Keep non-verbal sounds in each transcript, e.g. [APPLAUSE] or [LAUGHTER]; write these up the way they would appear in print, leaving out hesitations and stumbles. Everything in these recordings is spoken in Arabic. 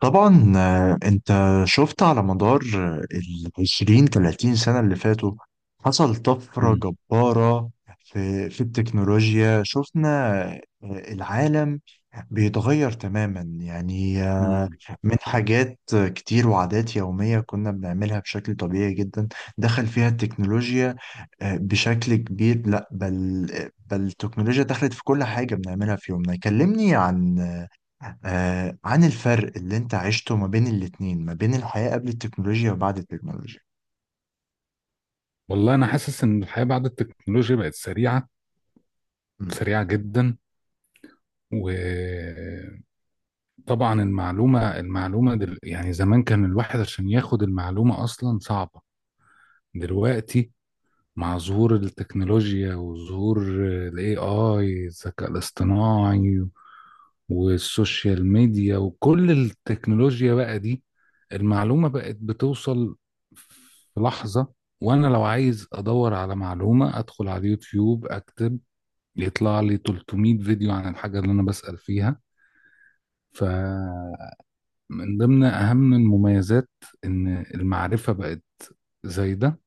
طبعا، انت شفت على مدار ال 20 30 سنة اللي فاتوا. حصل طفرة مم. جبارة في التكنولوجيا. شفنا العالم بيتغير تماما، يعني مم. من حاجات كتير وعادات يومية كنا بنعملها بشكل طبيعي جدا، دخل فيها التكنولوجيا بشكل كبير. لا بل بل التكنولوجيا دخلت في كل حاجة بنعملها في يومنا. كلمني عن الفرق اللي انت عشته ما بين الاتنين، ما بين الحياة قبل التكنولوجيا وبعد التكنولوجيا. والله انا حاسس ان الحياه بعد التكنولوجيا بقت سريعه، امم سريعه جدا. وطبعا يعني زمان كان الواحد عشان ياخد المعلومه اصلا صعبه. دلوقتي مع ظهور التكنولوجيا وظهور الاي اي الذكاء الاصطناعي والسوشيال ميديا وكل التكنولوجيا بقى دي، المعلومة بقت بتوصل في لحظة. وأنا لو عايز أدور على معلومة أدخل على اليوتيوب أكتب، يطلع لي 300 فيديو عن الحاجة اللي أنا بسأل فيها. فمن ضمن أهم المميزات إن المعرفة بقت زايدة،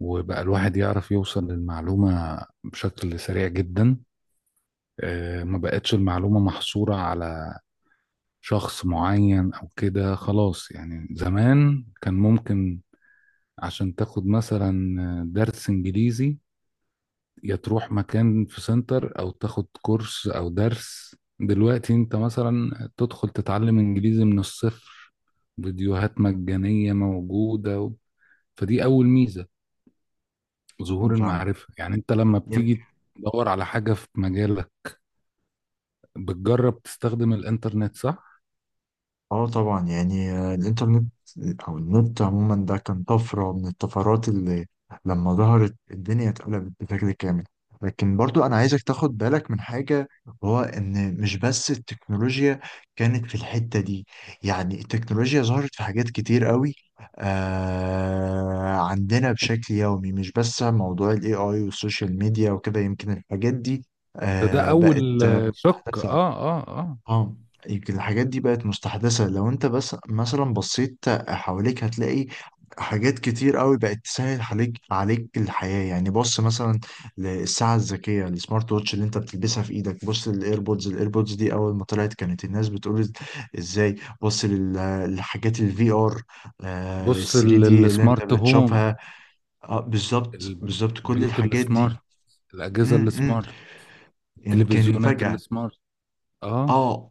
وبقى الواحد يعرف يوصل للمعلومة بشكل سريع جدا. ما بقتش المعلومة محصورة على شخص معين او كده، خلاص. يعني زمان كان ممكن عشان تاخد مثلا درس انجليزي، يا تروح مكان في سنتر او تاخد كورس او درس. دلوقتي انت مثلا تدخل تتعلم انجليزي من الصفر، فيديوهات مجانية موجودة فدي اول ميزة، ظهور فاهمك. المعرفة. يعني انت لما بتيجي تدور على حاجة في مجالك، بتجرب تستخدم الانترنت، صح؟ اه طبعا، يعني الانترنت او النت عموما ده كان طفرة من الطفرات اللي لما ظهرت الدنيا اتقلبت بشكل كامل. لكن برضو انا عايزك تاخد بالك من حاجة، وهو ان مش بس التكنولوجيا كانت في الحتة دي. يعني التكنولوجيا ظهرت في حاجات كتير قوي عندنا بشكل يومي، مش بس موضوع الاي اي والسوشيال ميديا وكده. يمكن الحاجات دي ده اول بقت شق. مستحدثة. اه اه يمكن الحاجات دي بقت مستحدثة. لو انت بس مثلا بصيت حواليك هتلاقي حاجات كتير قوي بقت تسهل عليك الحياة. يعني بص مثلا للساعة الذكية، السمارت ووتش اللي انت بتلبسها في ايدك. بص للايربودز، الايربودز دي اول ما طلعت كانت الناس بتقول ازاي. بص لل- للحاجات الفي ار، ال بص 3 دي اللي انت السمارت هوم، بتشوفها. اه بالظبط بالظبط، كل البيوت الحاجات دي. السمارت، الأجهزة امم، السمارت، يمكن التلفزيونات فجأة. السمارت. اه اه،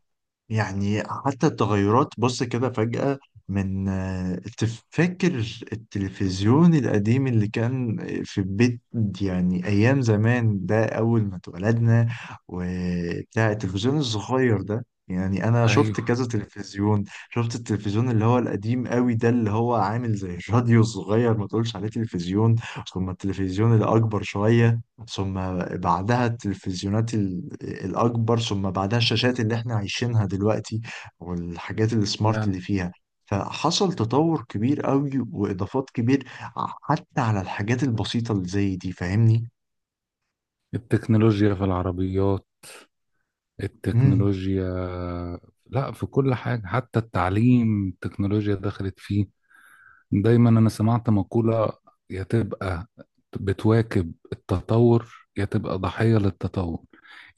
يعني حتى التغيرات بص كده فجأة، من تفكر التلفزيون القديم اللي كان في البيت. يعني أيام زمان ده، أول ما اتولدنا وبتاع، التلفزيون الصغير ده. يعني أنا شفت ايوه، كذا تلفزيون، شفت التلفزيون اللي هو القديم قوي ده، اللي هو عامل زي الراديو الصغير، ما تقولش عليه تلفزيون. ثم التلفزيون الأكبر شوية، ثم بعدها التلفزيونات الأكبر، ثم بعدها الشاشات اللي احنا عايشينها دلوقتي والحاجات السمارت اللي فعلا. فيها. فحصل تطور كبير قوي وإضافات كبير، حتى على الحاجات البسيطة اللي زي دي. فاهمني؟ التكنولوجيا في العربيات، مم. التكنولوجيا، لا، في كل حاجة. حتى التعليم التكنولوجيا دخلت فيه. دايما انا سمعت مقولة: يا تبقى بتواكب التطور يا تبقى ضحية للتطور.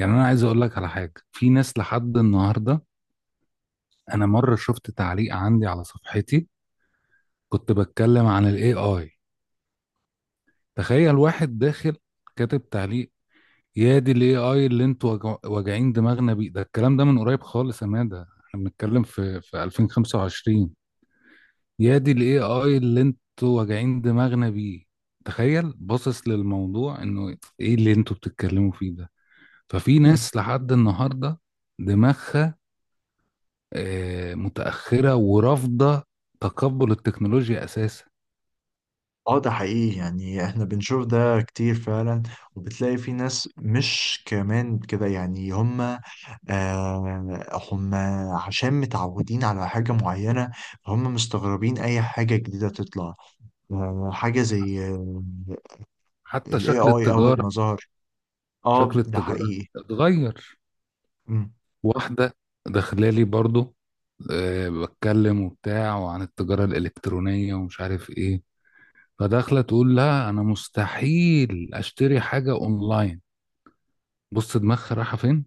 يعني انا عايز اقول لك على حاجة، في ناس لحد النهاردة. انا مرة شفت تعليق عندي على صفحتي، كنت بتكلم عن الاي اي، تخيل واحد داخل كاتب تعليق: يا دي الاي اي اللي انتوا واجعين دماغنا بيه ده، الكلام ده من قريب خالص يا مادة، احنا بنتكلم في 2025. يا دي الاي اي اللي انتوا واجعين دماغنا بيه. تخيل باصص للموضوع انه ايه اللي انتوا بتتكلموا فيه ده. ففي ناس لحد النهارده دماغها متأخرة ورافضة تقبل التكنولوجيا اساسا. اه ده حقيقي، يعني احنا بنشوف ده كتير فعلا. وبتلاقي في ناس مش كمان كده، يعني هم هم عشان متعودين على حاجة معينة، هم مستغربين أي حاجة جديدة تطلع. آه حاجة زي حتى ال شكل AI أول ما التجارة، ظهر. شكل اه ده التجارة حقيقي. اتغير. مم. واحدة داخلالي برضو، أه بتكلم وبتاع وعن التجارة الإلكترونية ومش عارف إيه، فداخلة تقول لا أنا مستحيل أشتري حاجة أونلاين. بص دماغها رايحة فين.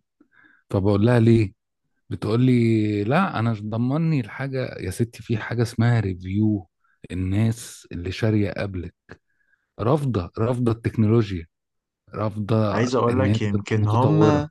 فبقول لها ليه؟ بتقول لي لا أنا مش ضمني الحاجة. يا ستي في حاجة اسمها ريفيو، الناس اللي شارية قبلك. رافضة، رافضة التكنولوجيا، رافضة عايز أقول إن هي لك تبقى يمكن هم، متطورة.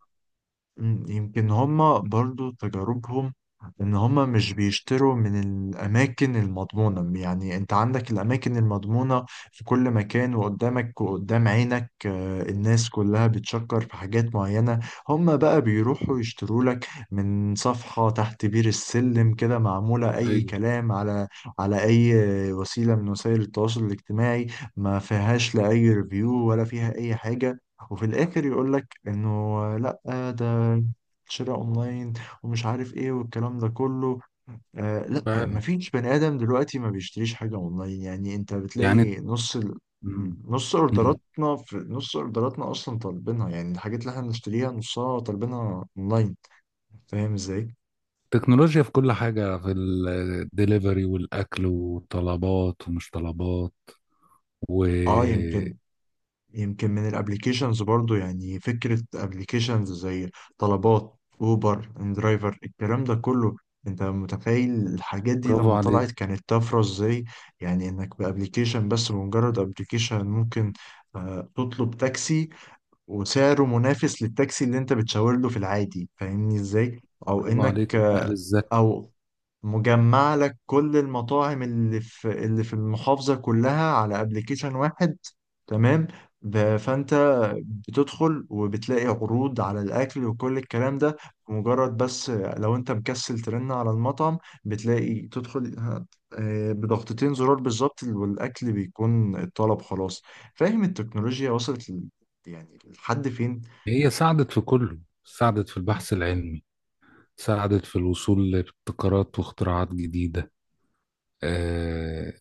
مم، يمكن هما برضو تجاربهم ان هما مش بيشتروا من الاماكن المضمونة. يعني انت عندك الاماكن المضمونة في كل مكان، وقدامك وقدام عينك الناس كلها بتشكر في حاجات معينة. هما بقى بيروحوا يشتروا لك من صفحة تحت بير السلم كده، معمولة اي أيوه، كلام، على على اي وسيلة من وسائل التواصل الاجتماعي، ما فيهاش لا اي ريفيو ولا فيها اي حاجة. وفي الاخر يقول لك انه لا، ده شراء اونلاين، ومش عارف ايه والكلام ده كله. لا، فعلا. مفيش بني ادم دلوقتي ما بيشتريش حاجه اونلاين. يعني انت يعني بتلاقي نص ال... مم. نص مم. اوردراتنا، في نص اوردراتنا اصلا طالبينها. يعني الحاجات اللي احنا بنشتريها نصها طالبينها اونلاين. فاهم ازاي؟ تكنولوجيا في كل حاجة، في الدليفري والأكل والطلبات ومش طلبات. اه وبرافو يمكن، يمكن من الابليكيشنز برضو. يعني فكرة ابليكيشنز زي طلبات، اوبر، اندرايفر، الكلام ده كله. انت متخيل الحاجات دي لما عليك، طلعت كانت طفرة ازاي؟ يعني انك بابليكيشن بس، بمجرد ابليكيشن ممكن تطلب تاكسي وسعره منافس للتاكسي اللي انت بتشاور له في العادي. فاهمني ازاي؟ او برافو انك عليك النقل آه، الذكي. او مجمع لك كل المطاعم اللي في اللي في المحافظة كلها على ابلكيشن واحد. تمام. فانت بتدخل وبتلاقي عروض على الاكل وكل الكلام ده. مجرد بس لو انت مكسل ترن على المطعم، بتلاقي تدخل بضغطتين زرار بالظبط، والاكل بيكون الطلب خلاص. فاهم؟ التكنولوجيا وصلت يعني لحد فين؟ هي ساعدت في كله، ساعدت في م- البحث العلمي، ساعدت في الوصول لابتكارات واختراعات جديدة. آه،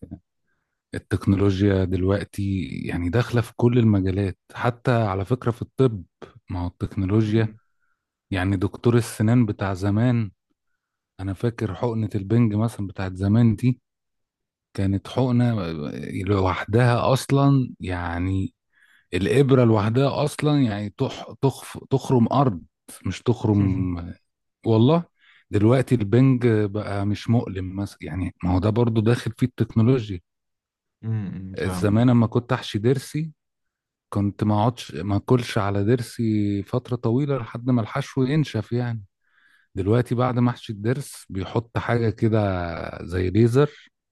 التكنولوجيا دلوقتي يعني داخلة في كل المجالات، حتى على فكرة في الطب. ما هو م- التكنولوجيا، يعني دكتور السنان بتاع زمان، انا فاكر حقنة البنج مثلا بتاعت زمان دي، كانت حقنة لوحدها اصلا، يعني الابرة لوحدها اصلا، يعني تخف تخرم ارض، مش [LAUGHS] م- تخرم، والله. دلوقتي البنج بقى مش مؤلم مثلا، يعني ما هو ده برضو داخل فيه التكنولوجيا. م- م- زمان لما كنت احشي ضرسي، كنت ما اقعدش ما اكلش على ضرسي فترة طويلة لحد ما الحشو ينشف. يعني دلوقتي بعد محشي الضرس بيحط حاجة كده زي ليزر،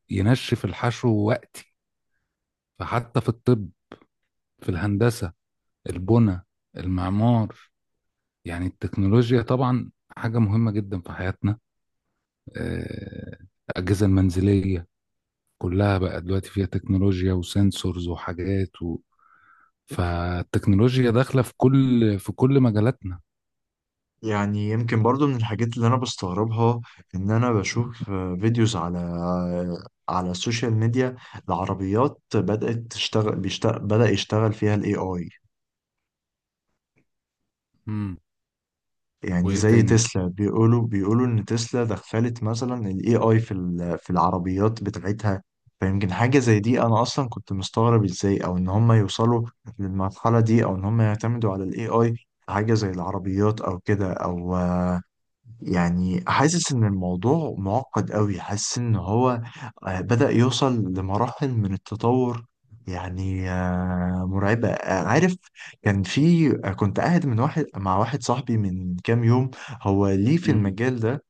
ينشف الحشو وقتي. فحتى في الطب، في الهندسة، البنى، المعمار، يعني التكنولوجيا طبعا حاجة مهمة جدا في حياتنا. آه، الأجهزة المنزلية كلها بقى دلوقتي فيها تكنولوجيا وسنسورز وحاجات فالتكنولوجيا داخلة في كل مجالاتنا. يعني يمكن برضو من الحاجات اللي انا بستغربها، ان انا بشوف فيديوز على على السوشيال ميديا لعربيات بدأت تشتغل بيشتغل بدأ يشتغل فيها الاي اي. مم. يعني وإيه زي تاني؟ تسلا، بيقولوا ان تسلا دخلت مثلا الاي اي في في العربيات بتاعتها. فيمكن حاجة زي دي انا اصلا كنت مستغرب ازاي، او ان هم يوصلوا للمرحلة دي، او ان هم يعتمدوا على الاي اي حاجة زي العربيات او كده. او يعني حاسس ان الموضوع معقد قوي، حاسس ان هو بدأ يوصل لمراحل من التطور، يعني مرعبة. عارف، كان في كنت قاعد من واحد مع واحد صاحبي من كام يوم. هو ليه في مم. المجال ده،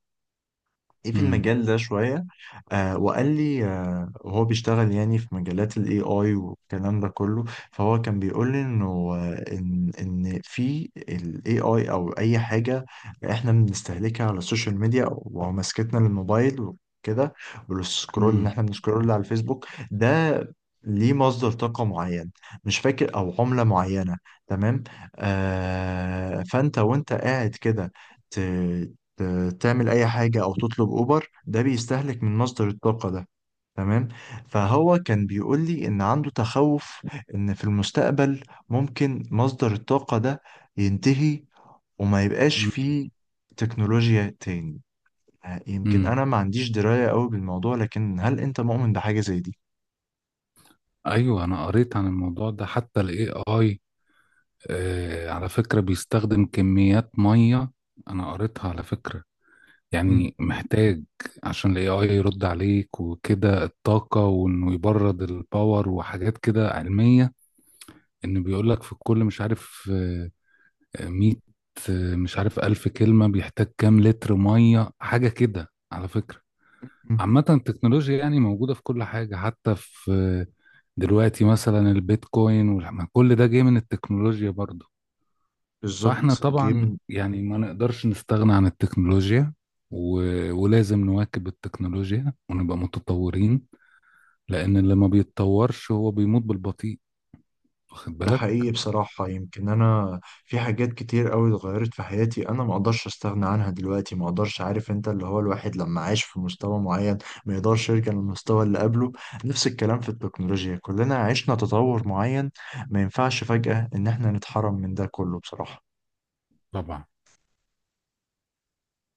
ايه في مم. المجال ده شوية. آه وقال لي، آه وهو بيشتغل يعني في مجالات الاي اي والكلام ده كله. فهو كان بيقول لي انه ان في الاي اي او اي حاجة احنا بنستهلكها على السوشيال ميديا، ومسكتنا للموبايل وكده والسكرول، ان مم. احنا بنسكرول على الفيسبوك ده، ليه مصدر طاقة معين، مش فاكر، او عملة معينة. تمام. آه فانت وانت قاعد كده تعمل اي حاجه او تطلب اوبر، ده بيستهلك من مصدر الطاقه ده. تمام. فهو كان بيقول لي ان عنده تخوف ان في المستقبل ممكن مصدر الطاقه ده ينتهي، وما يبقاش فيه تكنولوجيا تاني. يمكن مم. انا ما عنديش درايه قوي بالموضوع، لكن هل انت مؤمن بحاجه زي دي؟ ايوه، انا قريت عن الموضوع ده. حتى الاي اي على فكره بيستخدم كميات ميه، انا قريتها على فكره. مم. يعني محتاج عشان الاي اي يرد عليك وكده الطاقه، وانه يبرد الباور وحاجات كده علميه. ان بيقول لك في الكل، مش عارف، 100 مش عارف، ألف كلمه بيحتاج كام لتر ميه، حاجه كده على فكره. مم. عامة التكنولوجيا يعني موجودة في كل حاجة، حتى في دلوقتي مثلا البيتكوين كل ده جاي من التكنولوجيا برضو. فاحنا بالظبط، جه طبعا من. يعني ما نقدرش نستغنى عن التكنولوجيا و... ولازم نواكب التكنولوجيا ونبقى متطورين. لأن اللي ما بيتطورش هو بيموت بالبطيء. واخد ده بالك؟ حقيقي بصراحة. يمكن أنا في حاجات كتير أوي اتغيرت في حياتي، أنا ما أقدرش أستغنى عنها دلوقتي، ما أقدرش. عارف أنت اللي هو، الواحد لما عايش في مستوى معين ما يقدرش يرجع للمستوى اللي قبله. نفس الكلام في التكنولوجيا، كلنا عشنا تطور معين، ما ينفعش فجأة إن إحنا نتحرم من ده كله بصراحة. طبعا.